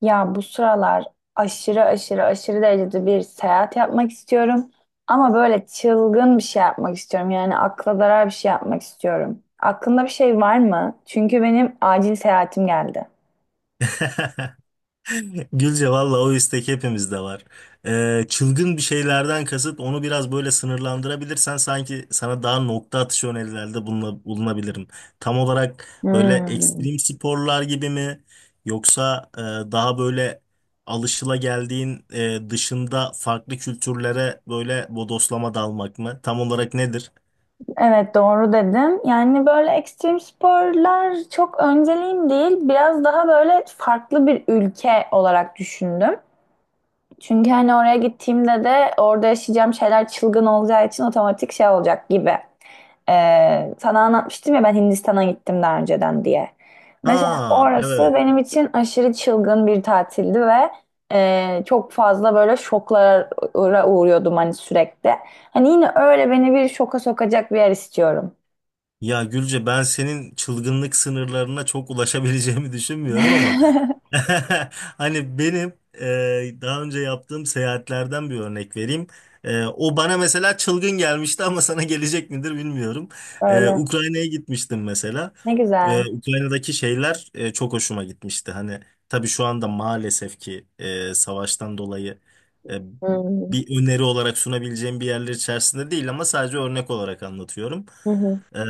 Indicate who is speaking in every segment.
Speaker 1: Ya bu sıralar aşırı aşırı aşırı derecede bir seyahat yapmak istiyorum. Ama böyle çılgın bir şey yapmak istiyorum. Yani akla zarar bir şey yapmak istiyorum. Aklında bir şey var mı? Çünkü benim acil seyahatim geldi.
Speaker 2: Gülce valla o istek hepimizde var. Çılgın bir şeylerden kasıt onu biraz böyle sınırlandırabilirsen sanki sana daha nokta atışı önerilerde bulunabilirim. Tam olarak böyle
Speaker 1: Hmm.
Speaker 2: ekstrem sporlar gibi mi yoksa daha böyle alışılageldiğin dışında farklı kültürlere böyle bodoslama dalmak mı? Tam olarak nedir?
Speaker 1: Evet doğru dedim. Yani böyle ekstrem sporlar çok önceliğim değil. Biraz daha böyle farklı bir ülke olarak düşündüm. Çünkü hani oraya gittiğimde de orada yaşayacağım şeyler çılgın olacağı için otomatik şey olacak gibi. Sana anlatmıştım ya ben Hindistan'a gittim daha önceden diye. Mesela
Speaker 2: Ha,
Speaker 1: orası
Speaker 2: evet.
Speaker 1: benim için aşırı çılgın bir tatildi ve çok fazla böyle şoklara uğruyordum hani sürekli. Hani yine öyle beni bir şoka sokacak bir yer istiyorum.
Speaker 2: Ya Gülce, ben senin çılgınlık sınırlarına çok ulaşabileceğimi düşünmüyorum ama hani benim daha önce yaptığım seyahatlerden bir örnek vereyim. E, o bana mesela çılgın gelmişti ama sana gelecek midir bilmiyorum. E,
Speaker 1: Öyle.
Speaker 2: Ukrayna'ya gitmiştim mesela.
Speaker 1: Ne
Speaker 2: E,
Speaker 1: güzel.
Speaker 2: Ukrayna'daki şeyler çok hoşuma gitmişti. Hani tabii şu anda maalesef ki savaştan dolayı e,
Speaker 1: Hı
Speaker 2: bir öneri olarak sunabileceğim bir yerler içerisinde değil ama sadece örnek olarak anlatıyorum.
Speaker 1: Hı hı.
Speaker 2: Ee,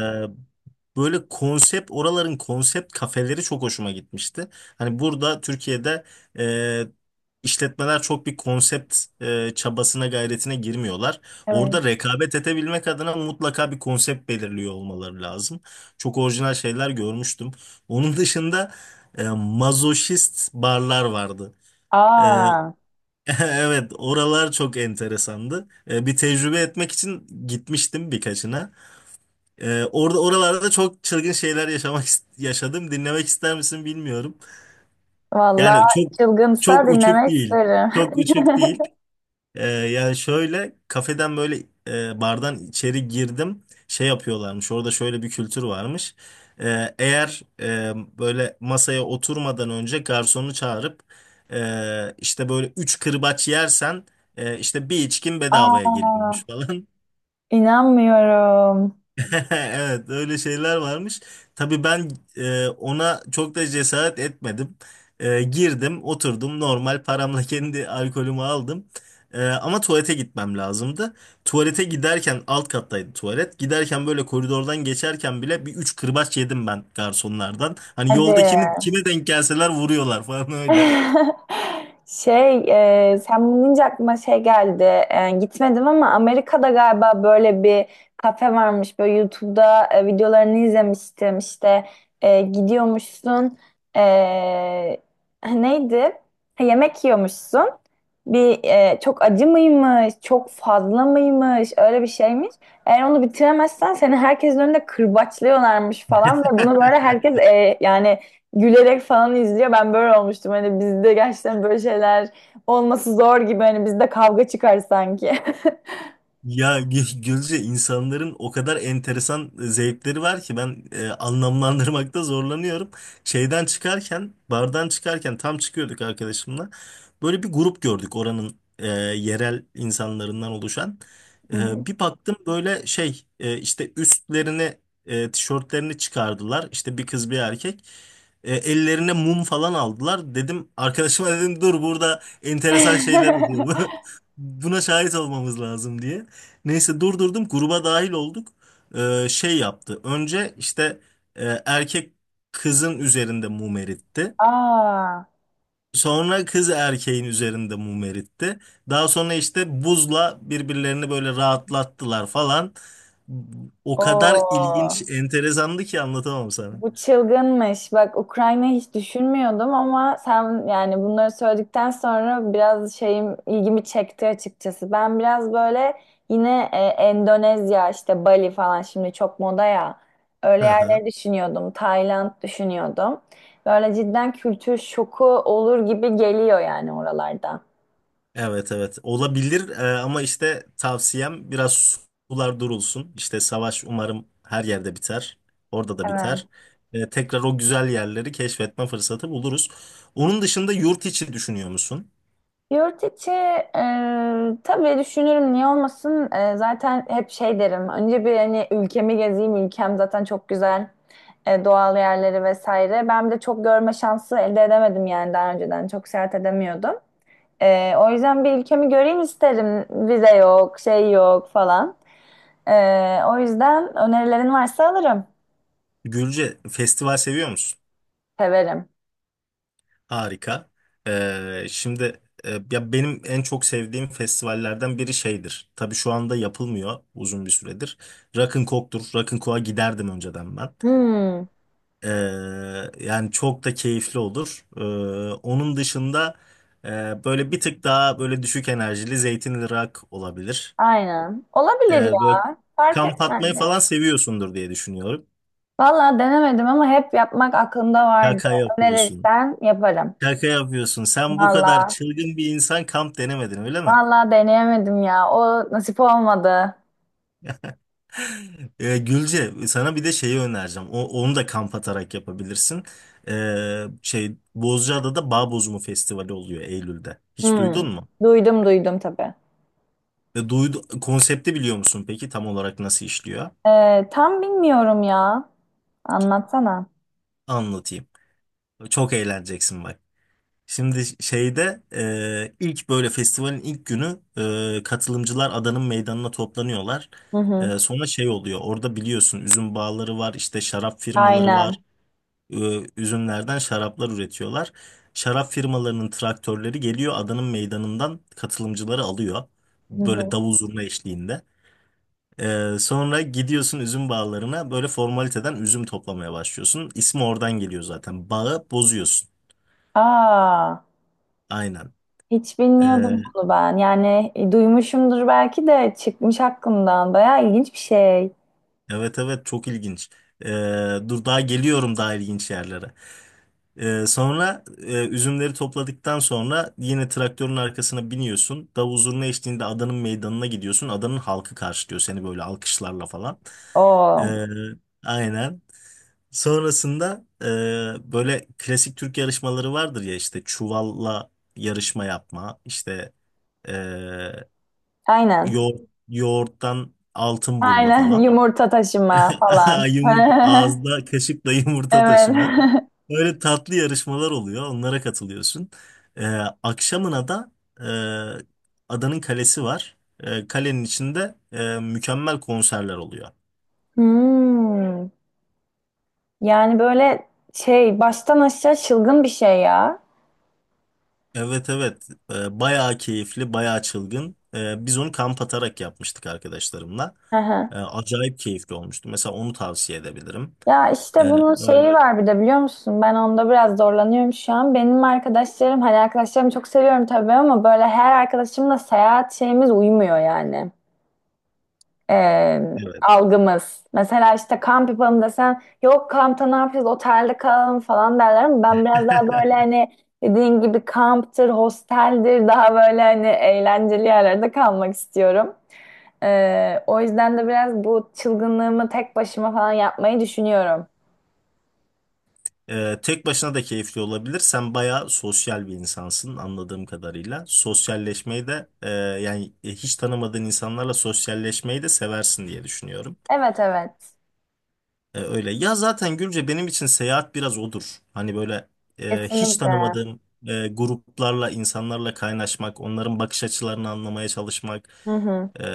Speaker 2: Böyle konsept oraların konsept kafeleri çok hoşuma gitmişti. Hani burada Türkiye'de e, işletmeler çok bir konsept çabasına gayretine girmiyorlar.
Speaker 1: Evet.
Speaker 2: Orada rekabet edebilmek adına mutlaka bir konsept belirliyor olmaları lazım. Çok orijinal şeyler görmüştüm. Onun dışında mazoşist barlar vardı. E,
Speaker 1: Aa.
Speaker 2: evet, oralar çok enteresandı. E, bir tecrübe etmek için gitmiştim birkaçına. Orada Oralarda çok çılgın şeyler yaşadım. Dinlemek ister misin bilmiyorum.
Speaker 1: Vallahi
Speaker 2: Yani
Speaker 1: çılgınsa
Speaker 2: çok uçuk
Speaker 1: dinlemek
Speaker 2: değil.
Speaker 1: isterim.
Speaker 2: Çok uçuk değil. Yani şöyle kafeden böyle bardan içeri girdim. Şey yapıyorlarmış. Orada şöyle bir kültür varmış. Ee, eğer e, Böyle masaya oturmadan önce garsonu çağırıp işte böyle üç kırbaç yersen işte bir içkin bedavaya
Speaker 1: Aa,
Speaker 2: geliyormuş falan.
Speaker 1: inanmıyorum.
Speaker 2: Evet, öyle şeyler varmış. Tabii ben ona çok da cesaret etmedim. E, girdim, oturdum, normal paramla kendi alkolümü aldım. E, ama tuvalete gitmem lazımdı. Tuvalete giderken alt kattaydı tuvalet. Giderken böyle koridordan geçerken bile bir üç kırbaç yedim ben garsonlardan. Hani
Speaker 1: Hadi.
Speaker 2: yolda kimi, kime denk gelseler vuruyorlar falan öyle.
Speaker 1: Şey, sen bunu deyince aklıma şey geldi. Gitmedim ama Amerika'da galiba böyle bir kafe varmış. Böyle YouTube'da videolarını izlemiştim. İşte gidiyormuşsun. E, neydi? Ha, yemek yiyormuşsun. Bir çok acı mıymış, çok fazla mıymış, öyle bir şeymiş. Eğer onu bitiremezsen seni herkesin önünde kırbaçlıyorlarmış falan ve bunu böyle herkes yani gülerek falan izliyor. Ben böyle olmuştum. Hani bizde gerçekten böyle şeyler olması zor gibi. Hani bizde kavga çıkar sanki.
Speaker 2: Ya Gülce, insanların o kadar enteresan zevkleri var ki ben anlamlandırmakta zorlanıyorum. Şeyden çıkarken, bardan çıkarken tam çıkıyorduk arkadaşımla. Böyle bir grup gördük oranın yerel insanlarından oluşan.
Speaker 1: Hı hı.
Speaker 2: E, bir baktım böyle şey işte tişörtlerini çıkardılar. İşte bir kız bir erkek. E, ellerine mum falan aldılar. Dedim arkadaşıma, dedim dur burada enteresan şeyler oluyor. Buna şahit olmamız lazım diye. Neyse, durdurdum, gruba dahil olduk. Şey yaptı. Önce işte erkek kızın üzerinde mum eritti.
Speaker 1: Aa,
Speaker 2: Sonra kız erkeğin üzerinde mum eritti. Daha sonra işte buzla birbirlerini böyle rahatlattılar falan. O kadar
Speaker 1: o.
Speaker 2: ilginç, enteresandı ki anlatamam sana.
Speaker 1: Bu çılgınmış. Bak Ukrayna hiç düşünmüyordum ama sen yani bunları söyledikten sonra biraz şeyim ilgimi çekti açıkçası. Ben biraz böyle yine Endonezya işte Bali falan şimdi çok moda ya. Öyle
Speaker 2: Hı hı.
Speaker 1: yerleri düşünüyordum. Tayland düşünüyordum. Böyle cidden kültür şoku olur gibi geliyor yani oralarda.
Speaker 2: Evet, evet olabilir. Ama işte tavsiyem biraz sular durulsun. İşte savaş umarım her yerde biter. Orada da
Speaker 1: Evet.
Speaker 2: biter. Tekrar o güzel yerleri keşfetme fırsatı buluruz. Onun dışında yurt içi düşünüyor musun?
Speaker 1: Yurt içi tabii düşünürüm niye olmasın. Zaten hep şey derim. Önce bir hani ülkemi gezeyim. Ülkem zaten çok güzel. Doğal yerleri vesaire. Ben bir de çok görme şansı elde edemedim yani daha önceden. Çok seyahat edemiyordum. O yüzden bir ülkemi göreyim isterim. Vize yok, şey yok falan. E, o yüzden önerilerin varsa alırım.
Speaker 2: Gülce, festival seviyor musun?
Speaker 1: Severim.
Speaker 2: Harika. Ee, şimdi Ya benim en çok sevdiğim festivallerden biri şeydir. Tabii şu anda yapılmıyor uzun bir süredir. Rock'n'Coke'tur. Rock'n'Coke'a giderdim önceden ben.
Speaker 1: Hmm,
Speaker 2: Ee, Yani çok da keyifli olur. Onun dışında böyle bir tık daha böyle düşük enerjili zeytinli rock olabilir.
Speaker 1: aynen.
Speaker 2: Ee,
Speaker 1: Olabilir
Speaker 2: Böyle
Speaker 1: ya. Fark
Speaker 2: kamp
Speaker 1: etmez.
Speaker 2: atmayı falan seviyorsundur diye düşünüyorum.
Speaker 1: Valla denemedim ama hep yapmak aklımda vardı.
Speaker 2: Şaka yapıyorsun.
Speaker 1: Önerirsen yaparım.
Speaker 2: Şaka yapıyorsun. Sen bu kadar
Speaker 1: Valla.
Speaker 2: çılgın bir insan kamp denemedin, öyle mi?
Speaker 1: Valla deneyemedim ya. O nasip olmadı.
Speaker 2: Gülce, sana bir de şeyi önereceğim. O, onu da kamp atarak yapabilirsin. Şey, Bozcaada'da Bağ Bozumu Festivali oluyor Eylül'de. Hiç
Speaker 1: Hmm.
Speaker 2: duydun mu?
Speaker 1: Duydum duydum tabii.
Speaker 2: Ve konsepti biliyor musun peki, tam olarak nasıl işliyor?
Speaker 1: Tam bilmiyorum ya. Anlatsana.
Speaker 2: Anlatayım. Çok eğleneceksin bak. Şimdi şeyde ilk böyle festivalin ilk günü katılımcılar adanın meydanına toplanıyorlar.
Speaker 1: Hı hı.
Speaker 2: E, sonra şey oluyor, orada biliyorsun üzüm bağları var, işte şarap firmaları var.
Speaker 1: Aynen.
Speaker 2: E, üzümlerden şaraplar üretiyorlar. Şarap firmalarının traktörleri geliyor, adanın meydanından katılımcıları alıyor.
Speaker 1: Hı
Speaker 2: Böyle
Speaker 1: hı.
Speaker 2: davul zurna eşliğinde. Sonra gidiyorsun üzüm bağlarına, böyle formaliteden üzüm toplamaya başlıyorsun. İsmi oradan geliyor zaten. Bağı bozuyorsun.
Speaker 1: Aa,
Speaker 2: Aynen.
Speaker 1: hiç
Speaker 2: Ee,
Speaker 1: bilmiyordum bunu ben. Yani duymuşumdur belki de çıkmış aklımdan. Bayağı ilginç bir şey.
Speaker 2: evet, evet çok ilginç. Ee, Dur daha geliyorum daha ilginç yerlere. Üzümleri topladıktan sonra yine traktörün arkasına biniyorsun. Davul zurna eşliğinde adanın meydanına gidiyorsun. Adanın halkı karşılıyor seni böyle alkışlarla falan. Ee,
Speaker 1: Oo.
Speaker 2: aynen. Sonrasında böyle klasik Türk yarışmaları vardır ya, işte çuvalla yarışma yapma, işte e,
Speaker 1: Aynen.
Speaker 2: yoğurt, yoğurttan altın bulma
Speaker 1: Aynen.
Speaker 2: falan.
Speaker 1: Yumurta taşıma falan.
Speaker 2: Yumurta, ağızda kaşıkla yumurta
Speaker 1: Evet.
Speaker 2: taşıma. Böyle tatlı yarışmalar oluyor. Onlara katılıyorsun. E, akşamına da adanın kalesi var. E, kalenin içinde mükemmel konserler oluyor.
Speaker 1: Hmm. Yani böyle şey baştan aşağı çılgın bir şey ya.
Speaker 2: Evet, evet. Bayağı keyifli, bayağı çılgın. Biz onu kamp atarak yapmıştık arkadaşlarımla.
Speaker 1: Hı hı.
Speaker 2: Acayip keyifli olmuştu, mesela onu tavsiye edebilirim.
Speaker 1: Ya
Speaker 2: Ee,
Speaker 1: işte bunun
Speaker 2: öyle-
Speaker 1: şeyi var bir de biliyor musun? Ben onda biraz zorlanıyorum şu an. Benim arkadaşlarım hani arkadaşlarımı çok seviyorum tabii ama böyle her arkadaşımla seyahat şeyimiz uymuyor yani. Ee,
Speaker 2: evet.
Speaker 1: algımız. Mesela işte kamp yapalım desen yok kampta ne yapacağız otelde kalalım falan derler ama ben biraz daha böyle hani dediğin gibi kamptır, hosteldir daha böyle hani eğlenceli yerlerde kalmak istiyorum. O yüzden de biraz bu çılgınlığımı tek başıma falan yapmayı düşünüyorum.
Speaker 2: Tek başına da keyifli olabilir, sen bayağı sosyal bir insansın anladığım kadarıyla, sosyalleşmeyi de hiç tanımadığın insanlarla sosyalleşmeyi de seversin diye düşünüyorum.
Speaker 1: Evet evet.
Speaker 2: E, öyle. Ya zaten Gülce, benim için seyahat biraz odur. Hani böyle hiç
Speaker 1: Kesinlikle.
Speaker 2: tanımadığım gruplarla, insanlarla kaynaşmak, onların bakış açılarını anlamaya çalışmak.
Speaker 1: Hı hı.
Speaker 2: E,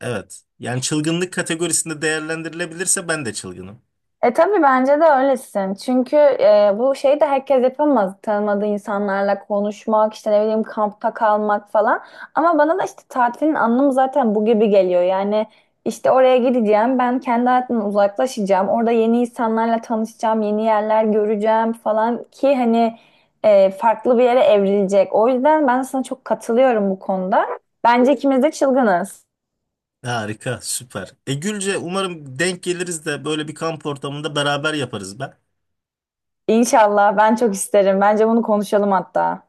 Speaker 2: evet. Yani çılgınlık kategorisinde değerlendirilebilirse ben de çılgınım.
Speaker 1: Tabii bence de öylesin. Çünkü bu şeyi de herkes yapamaz. Tanımadığı insanlarla konuşmak, işte ne bileyim kampta kalmak falan. Ama bana da işte tatilin anlamı zaten bu gibi geliyor. Yani işte oraya gideceğim, ben kendi hayatımdan uzaklaşacağım. Orada yeni insanlarla tanışacağım, yeni yerler göreceğim falan ki hani farklı bir yere evrilecek. O yüzden ben sana çok katılıyorum bu konuda. Bence ikimiz de çılgınız.
Speaker 2: Harika, süper. E Gülce, umarım denk geliriz de böyle bir kamp ortamında beraber yaparız be.
Speaker 1: İnşallah ben çok isterim. Bence bunu konuşalım hatta.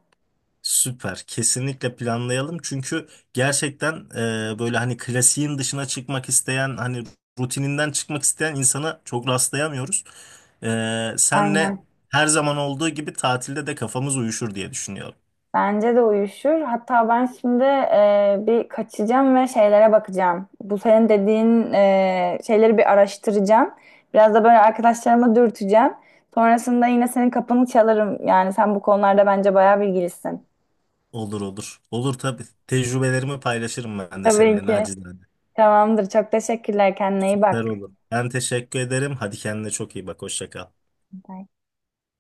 Speaker 2: Süper. Kesinlikle planlayalım. Çünkü gerçekten böyle hani klasiğin dışına çıkmak isteyen, hani rutininden çıkmak isteyen insana çok rastlayamıyoruz. E, senle
Speaker 1: Aynen.
Speaker 2: her zaman olduğu gibi tatilde de kafamız uyuşur diye düşünüyorum.
Speaker 1: Bence de uyuşur. Hatta ben şimdi bir kaçacağım ve şeylere bakacağım. Bu senin dediğin şeyleri bir araştıracağım. Biraz da böyle arkadaşlarıma dürteceğim. Sonrasında yine senin kapını çalarım. Yani sen bu konularda bence bayağı bilgilisin.
Speaker 2: Olur, olur. Olur tabii. Tecrübelerimi paylaşırım ben de
Speaker 1: Tabii
Speaker 2: seninle
Speaker 1: ki.
Speaker 2: nacizane.
Speaker 1: Tamamdır. Çok teşekkürler. Kendine iyi
Speaker 2: Süper
Speaker 1: bak.
Speaker 2: olur. Ben teşekkür ederim. Hadi kendine çok iyi bak. Hoşça kal.
Speaker 1: Bye.